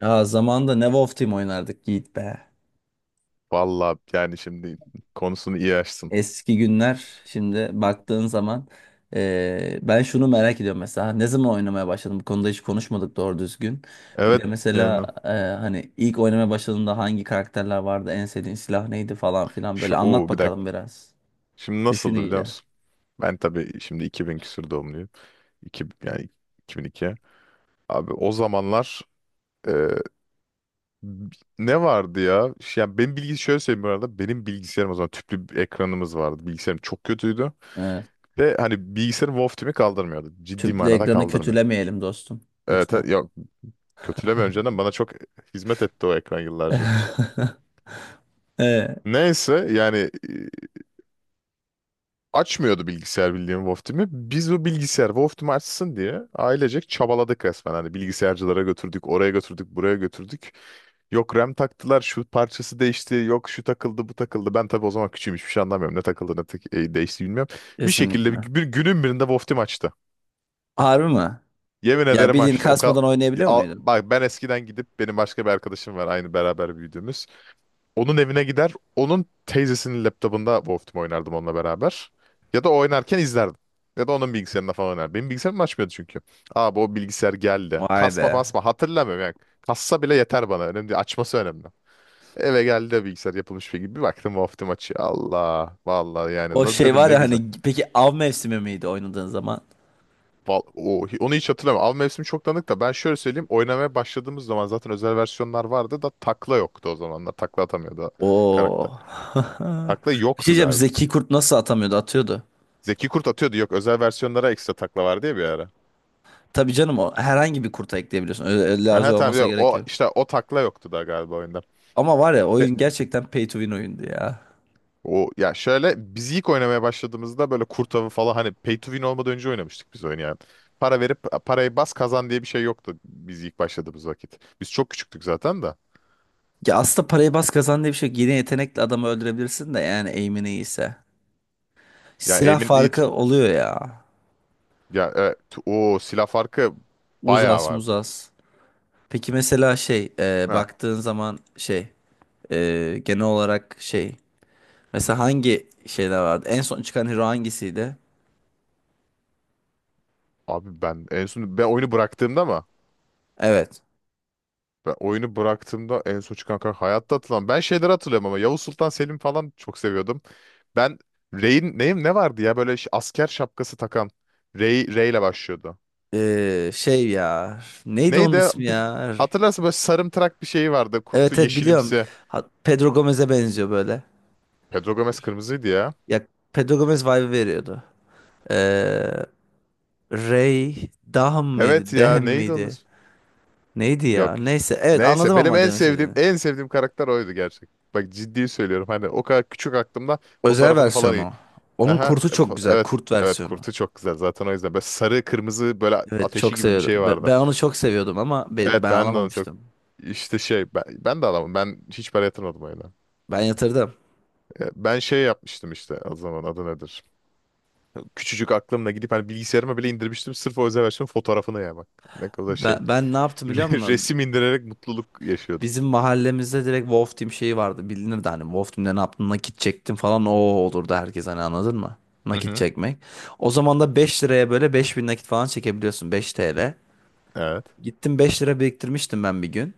Ya zamanında ne Wolf Team oynardık Yiğit be. Vallahi yani şimdi konusunu iyi açtın. Eski günler şimdi baktığın zaman ben şunu merak ediyorum mesela ne zaman oynamaya başladım bu konuda hiç konuşmadık doğru düzgün. Bir Evet de mesela yani hani ilk oynamaya başladığında hangi karakterler vardı en sevdiğin silah neydi falan filan böyle şu anlat o bir dakika. bakalım biraz. Şimdi Düşün nasıldı biliyor iyice. musun? Ben tabii şimdi 2000 küsur doğumluyum. 2 yani 2002. Abi o zamanlar e, ne vardı ya? Şey, yani benim bilgi şöyle söyleyeyim bu arada. Benim bilgisayarım o zaman tüplü bir ekranımız vardı. Bilgisayarım çok kötüydü. Evet. Ve hani bilgisayarım Wolf kaldırmıyordu. Ciddi Tüplü manada ekranı kaldırmıyor. kötülemeyelim dostum Evet, lütfen. yok kötüleme, önceden bana çok hizmet etti o ekran yıllarca. Evet, Neyse yani açmıyordu bilgisayar, bildiğim WoW Team'i. Biz o bilgisayar WoW Team'i açsın diye ailecek çabaladık resmen. Hani bilgisayarcılara götürdük, oraya götürdük, buraya götürdük. Yok RAM taktılar, şu parçası değişti, yok şu takıldı, bu takıldı. Ben tabii o zaman küçüğüm, hiçbir şey anlamıyorum. Ne takıldı, ne değişti bilmiyorum. Bir şekilde kesinlikle. bir günün birinde WoW Team açtı. Harbi mi? Yemin Ya ederim bildiğin açtı. O kadar... kasmadan oynayabiliyor muydun? Bak, ben eskiden gidip, benim başka bir arkadaşım var aynı beraber büyüdüğümüz. Onun evine gider. Onun teyzesinin laptopunda Wolf Team oynardım onunla beraber. Ya da o oynarken izlerdim. Ya da onun bilgisayarında falan oynardım. Benim bilgisayarım açmıyordu çünkü. Abi o bilgisayar geldi. Vay be. Kasma fasma hatırlamıyorum yani. Kassa bile yeter bana. Önemli değil. Açması önemli. Eve geldi o bilgisayar, yapılmış bir gibi. Bir baktım Wolf Team açıyor. Allah. Vallahi yani. O Ne şey dedim, var ne ya güzel. hani peki av mevsimi miydi oynadığın zaman? Onu hiç hatırlamıyorum. Av mevsimi çok tanıdık da ben şöyle söyleyeyim. Oynamaya başladığımız zaman zaten özel versiyonlar vardı da takla yoktu o zamanlar. Takla atamıyordu o karakter. Oo. Takla Bir şey yoktu diyeceğim galiba. Zeki Kurt nasıl atamıyordu atıyordu. Zeki Kurt atıyordu. Yok, özel versiyonlara ekstra takla var diye bir ara. Tabii canım o herhangi bir kurta ekleyebiliyorsun. Öyle, öyle Aha, lazım tamam olmasına ya, gerek o yok. işte o takla yoktu da galiba oyunda. Ama var ya Ve oyun gerçekten pay to win oyundu ya. o, ya şöyle, biz ilk oynamaya başladığımızda böyle kurt avı falan, hani pay to win olmadan önce oynamıştık biz oyunu yani. Para verip parayı bas kazan diye bir şey yoktu biz ilk başladığımız vakit. Biz çok küçüktük zaten da. Ya aslında parayı bas kazan diye bir şey yok. Yine yetenekle adamı öldürebilirsin de yani aim'in iyiyse. Ya Silah Aim'in it farkı oluyor ya. ya evet, o silah farkı bayağı Uzas vardı. muzas. Peki mesela şey Ha baktığın zaman şey genel olarak şey. Mesela hangi şeyler vardı? En son çıkan hero hangisiydi? abi, ben en son oyunu bıraktığımda mı? Evet. Ben oyunu bıraktığımda en son çıkan karakter hayatta hatırlamam. Ben şeyleri hatırlıyorum ama Yavuz Sultan Selim falan çok seviyordum. Ben Rey'in neyim, ne vardı ya, böyle asker şapkası takan Rey ile başlıyordu. Şey ya. Neydi onun Neydi? ismi ya? Hatırlarsın, böyle sarımtırak bir şeyi vardı. Kurtu Evet evet biliyorum. yeşilimsi. Pedro Gomez'e benziyor böyle. Pedro Gomez kırmızıydı ya. Ya Pedro Gomez vibe veriyordu. Ee, Ray Dahm Evet mıydı? ya, Dehem neydi onun miydi? ismi? Neydi ya? Yok. Neyse. Evet Neyse, anladım benim ama en demek sevdiğim istediğini. en sevdiğim karakter oydu gerçek. Bak ciddi söylüyorum, hani o kadar küçük aklımda Özel fotoğrafını falan. versiyonu. Onun Aha, kurtu çok güzel. evet. Kurt Evet versiyonu. kurtu çok güzel. Zaten o yüzden böyle sarı kırmızı, böyle Evet ateşi çok gibi bir şey seviyordum. Vardı. Ben onu çok seviyordum ama Evet, ben ben de onu çok, alamamıştım. işte şey, ben de alamam. Ben hiç para yatırmadım oyuna. Ben yatırdım. Ben şey yapmıştım, işte o zaman adı nedir? Küçücük aklımla gidip hani bilgisayarıma bile indirmiştim. Sırf o özel versiyonun fotoğrafını, ya bak. Ne kadar şey. Ben ne yaptım biliyor musun? Resim indirerek mutluluk yaşıyordum. Bizim mahallemizde direkt Wolf Team şeyi vardı. Bilinirdi hani Wolf Team'de ne yaptın nakit çektim falan o olurdu herkes hani anladın mı? Hı Nakit hı. çekmek. O zaman da 5 liraya böyle 5.000 nakit falan çekebiliyorsun 5 TL. Evet. Gittim 5 lira biriktirmiştim ben bir gün.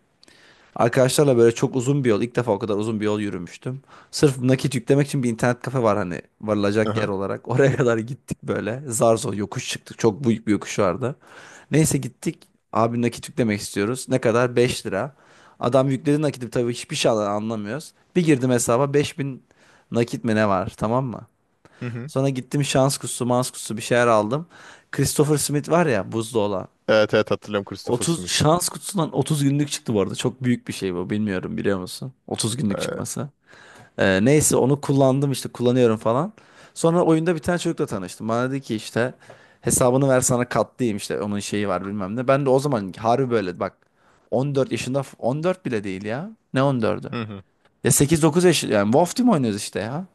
Arkadaşlarla böyle çok uzun bir yol, ilk defa o kadar uzun bir yol yürümüştüm. Sırf nakit yüklemek için bir internet kafe var hani varılacak yer Aha. olarak. Oraya kadar gittik böyle. Zar zor yokuş çıktık. Çok büyük bir yokuş vardı. Neyse gittik. Abi nakit yüklemek istiyoruz. Ne kadar? 5 lira. Adam yükledi nakiti tabii hiçbir şey anlamıyoruz. Bir girdim hesaba 5.000 nakit mi ne var tamam mı? Hı hı. Sonra gittim şans kutusu, mans kutusu bir şeyler aldım. Christopher Smith var ya buzlu olan. Evet evet, hatırlıyorum Christopher 30 Smith. şans kutusundan 30 günlük çıktı bu arada. Çok büyük bir şey bu. Bilmiyorum biliyor musun? 30 günlük Ee, çıkması. Neyse onu kullandım işte kullanıyorum falan. Sonra oyunda bir tane çocukla tanıştım. Bana dedi ki işte hesabını ver sana katlayayım işte onun şeyi var bilmem ne. Ben de o zaman harbi böyle bak 14 yaşında 14 bile değil ya. Ne 14'ü? Hı hı. Ya 8-9 yaş yani WoW Team oynuyoruz işte ya.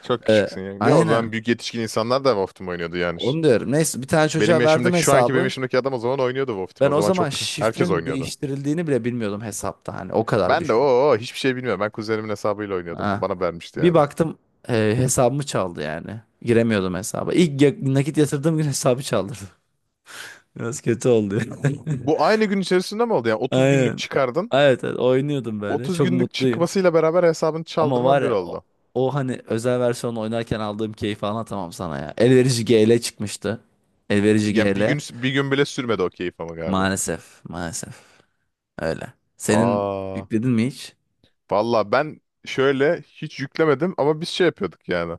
Çok Ee, küçüksün ya. Ya o aynen. zaman büyük yetişkin insanlar da Wolf'tum oynuyordu yani. Onu diyorum. Neyse bir tane Benim çocuğa verdim yaşımdaki şu anki benim hesabı. yaşımdaki adam o zaman oynuyordu WoW Ben Team. O o zaman zaman çok, herkes şifrenin oynuyordu. değiştirildiğini bile bilmiyordum hesapta. Hani o kadar Ben de düşün. o, hiçbir şey bilmiyorum. Ben kuzenimin hesabıyla oynuyordum. Ha. Bana vermişti Bir yani. baktım hesabımı çaldı yani. Giremiyordum hesaba. İlk nakit yatırdığım gün hesabı çaldırdı. Biraz kötü oldu. Bu aynı gün içerisinde mi oldu? Yani 30 günlük Aynen. çıkardın. Evet, evet oynuyordum böyle. 30 Çok günlük mutluyum. çıkmasıyla beraber hesabını Ama çaldırman var bir ya o, oldu. o hani özel versiyonu oynarken aldığım keyfi anlatamam sana ya. Elverici GL çıkmıştı. Elverici Yani bir GL. gün bir gün bile sürmedi o keyif ama galiba. Maalesef. Maalesef. Öyle. Senin Aa, yükledin mi hiç? valla ben şöyle hiç yüklemedim ama biz şey yapıyorduk yani.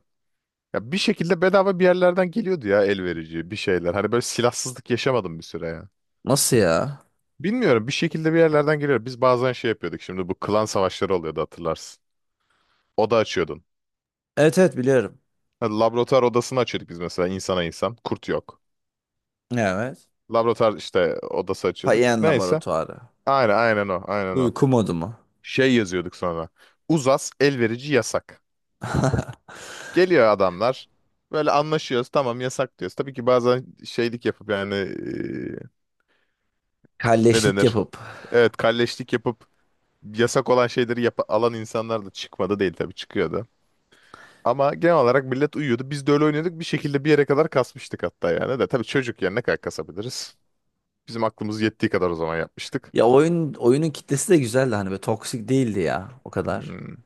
Ya bir şekilde bedava bir yerlerden geliyordu ya, el verici bir şeyler. Hani böyle silahsızlık yaşamadım bir süre ya. Nasıl ya? Bilmiyorum, bir şekilde bir yerlerden geliyor. Biz bazen şey yapıyorduk, şimdi bu klan savaşları oluyordu hatırlarsın. Oda açıyordun. Evet evet biliyorum. Ha, Laboratuvar odasını açıyorduk biz mesela, insana insan. Kurt yok. Evet. Laboratuvar işte odası açıyorduk. Payen Neyse. Laboratuvarı. Aynen aynen, o aynen o. Uyku modu mu? Şey yazıyorduk sonra. Uzas elverici yasak. Geliyor adamlar. Böyle anlaşıyoruz, tamam yasak diyoruz. Tabii ki bazen şeylik yapıp yani, ne Kalleşlik denir? yapıp. Evet, kalleşlik yapıp yasak olan şeyleri yap alan insanlar da çıkmadı değil, tabii çıkıyordu. Ama genel olarak millet uyuyordu. Biz de öyle oynuyorduk. Bir şekilde bir yere kadar kasmıştık hatta yani de. Tabii çocuk yani, ne kadar kasabiliriz? Bizim aklımız yettiği kadar o zaman yapmıştık. Ya oyun oyunun kitlesi de güzeldi hani böyle toksik değildi ya o kadar. Hmm.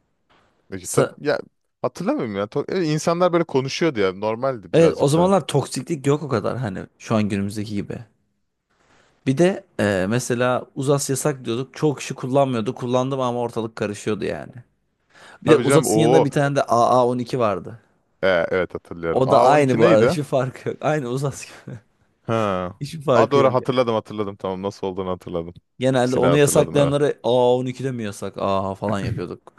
Tabii, Sa- ya hatırlamıyorum ya. İnsanlar böyle konuşuyordu ya. Normaldi evet o birazcık daha. zamanlar toksiklik yok o kadar hani şu an günümüzdeki gibi. Bir de mesela uzas yasak diyorduk. Çoğu kişi kullanmıyordu. Kullandım ama ortalık karışıyordu yani. Bir de Tabii canım. uzasın yanında Oo. bir tane de AA12 vardı. Evet hatırlıyorum. O da aynı A12 bu arada. neydi? Hiçbir farkı yok. Aynı uzas gibi. Ha. Hiçbir A, farkı yok doğru yani. hatırladım hatırladım. Tamam, nasıl olduğunu hatırladım. Genelde Silah, onu hatırladım evet. yasaklayanlara AA12 de mi yasak? Aa falan yapıyorduk.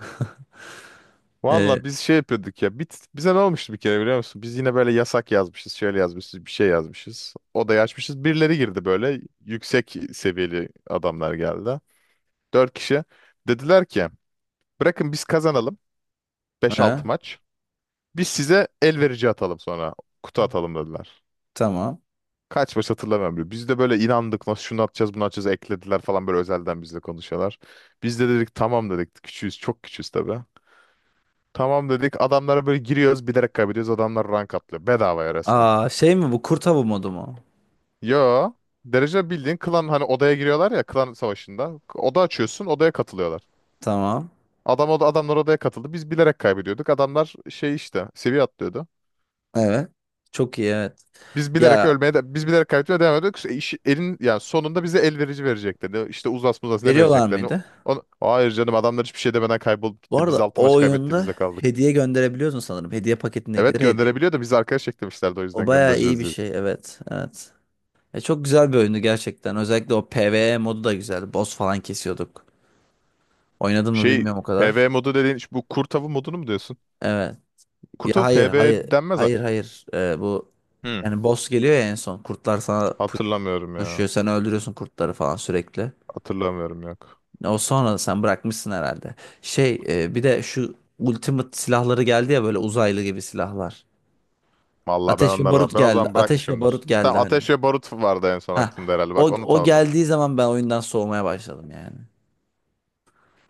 e, Valla biz şey yapıyorduk ya. Bize ne olmuştu bir kere biliyor musun? Biz yine böyle yasak yazmışız, şöyle yazmışız, bir şey yazmışız. Odaya açmışız. Birileri girdi böyle. Yüksek seviyeli adamlar geldi. Dört kişi. Dediler ki bırakın biz kazanalım beş 6 e, maç. Biz size el verici atalım sonra. Kutu atalım dediler. tamam. Kaç maç hatırlamıyorum bile. Biz de böyle inandık. Nasıl şunu atacağız, bunu atacağız, eklediler falan, böyle özelden bizle konuşuyorlar. Biz de dedik tamam dedik. Küçüğüz, çok küçüğüz tabii. Tamam dedik. Adamlara böyle giriyoruz, bilerek kaybediyoruz. Adamlar rank atlıyor. Bedavaya resmen. Aa şey mi bu kurt avı modu mu? Yo. Derece bildiğin klan, hani odaya giriyorlar ya klan savaşında. Oda açıyorsun, odaya katılıyorlar. Tamam. Adamlar odaya katıldı. Biz bilerek kaybediyorduk. Adamlar şey işte seviye atlıyordu. Evet. Çok iyi evet. Ya Biz bilerek kaybediyor devam ediyorduk. İşte elin, yani sonunda bize el verici vereceklerini, işte uzas muzas, ne veriyorlar vereceklerini. mıydı? Hayır canım, adamlar hiçbir şey demeden kaybolup Bu gitti. Biz arada altı o maç kaybetti, biz oyunda de kaldık. hediye gönderebiliyorsun sanırım. Hediye Evet paketindekileri hediye. gönderebiliyor da, biz arkadaş eklemişlerdi o O yüzden, bayağı iyi göndereceğiz bir diye. şey evet. Evet. Çok güzel bir oyundu gerçekten. Özellikle o PvE modu da güzeldi. Boss falan kesiyorduk. Oynadın mı Şey, bilmiyorum o kadar. PvE modu dediğin bu kurt modunu mu diyorsun? Evet. Ya Kurt avı hayır PvE hayır. denmez ha. Hayır hayır. Bu Hmm. yani boss geliyor ya en son. Kurtlar sana Hatırlamıyorum ya. pushuyor. Sen öldürüyorsun kurtları falan sürekli. Hatırlamıyorum, yok. O sonra da sen bırakmışsın herhalde. Şey bir de şu Ultimate silahları geldi ya böyle uzaylı gibi silahlar. Vallahi ben Ateş ve onları da barut ben o geldi. zaman Ateş ve bırakmışımdır. barut geldi Tamam, hani. Ateş ve Barut vardı en son Ha aklımda herhalde. o Bak, onu o tanıdım. geldiği zaman ben oyundan soğumaya başladım yani.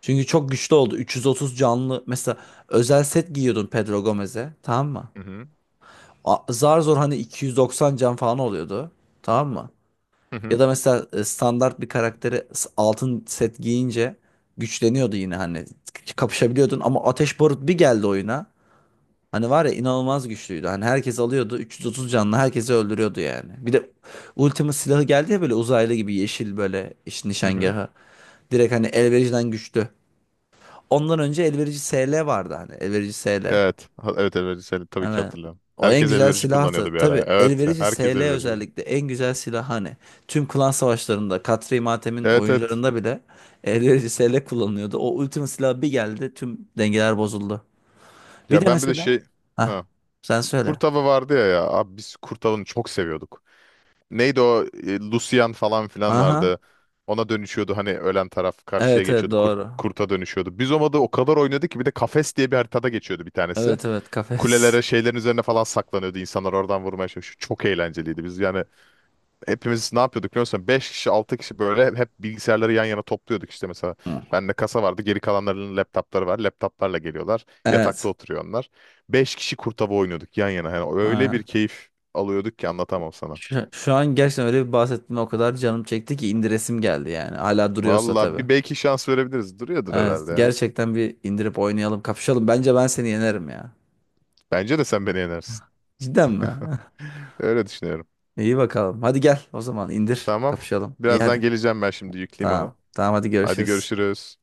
Çünkü çok güçlü oldu. 330 canlı mesela özel set giyiyordun Pedro Gomez'e tamam mı? Hı hı. Zar zor hani 290 can falan oluyordu. Tamam mı? Hı hı. Ya da mesela standart bir karakteri altın set giyince güçleniyordu yine hani kapışabiliyordun ama Ateş Barut bir geldi oyuna. Hani var ya inanılmaz güçlüydü. Hani herkes alıyordu 330 canlı herkesi öldürüyordu yani. Bir de Ultima silahı geldi ya böyle uzaylı gibi yeşil böyle işte Hı hı. nişangahı. Direkt hani elvericiden güçlü. Ondan önce elverici SL vardı hani elverici SL. Evet. Evet, elverici seni tabii ki Evet. hatırlıyorum. O en Herkes güzel elverici silahtı. kullanıyordu bir ara, ya. Tabii Evet, elverişi herkes SL elverici kullanıyordu. özellikle en güzel silah hani. Tüm klan savaşlarında Katri Matem'in Evet evet. oyuncularında bile elverişi SL kullanılıyordu. O ultimate silah bir geldi tüm dengeler bozuldu. Bir Ya de ben bir de mesela. şey, Hah, ha, sen söyle. kurt vardı ya ya. Abi, biz kurtavını çok seviyorduk. Neydi o, Lucian falan filan Aha. vardı. Ona dönüşüyordu, hani ölen taraf karşıya Evet evet geçiyordu, kurt, doğru. kurta dönüşüyordu. Biz o modu o kadar oynadı ki, bir de kafes diye bir haritada geçiyordu bir tanesi. Evet evet kafes. Kulelere, şeylerin üzerine falan saklanıyordu insanlar, oradan vurmaya çalışıyor. Çok eğlenceliydi, biz yani hepimiz ne yapıyorduk biliyor musun? 5 kişi 6 kişi böyle hep bilgisayarları yan yana topluyorduk işte mesela. Hı. Bende kasa vardı, geri kalanlarının laptopları var, laptoplarla geliyorlar, yatakta Evet. oturuyor onlar. 5 kişi kurtava oynuyorduk yan yana, yani öyle bir Ha. keyif alıyorduk ki anlatamam sana. Şu an gerçekten öyle bir bahsettiğime o kadar canım çekti ki indiresim geldi yani. Hala duruyorsa Valla tabii. bir, belki şans verebiliriz. Duruyordur Evet, herhalde ya. gerçekten bir indirip oynayalım, kapışalım. Bence ben seni yenerim ya. Bence de sen beni yenersin. Cidden mi? Öyle düşünüyorum. İyi bakalım. Hadi gel o zaman indir, Tamam. kapışalım. İyi Birazdan hadi. geleceğim, ben şimdi yükleyeyim onu. Tamam. Tamam hadi Hadi görüşürüz. görüşürüz.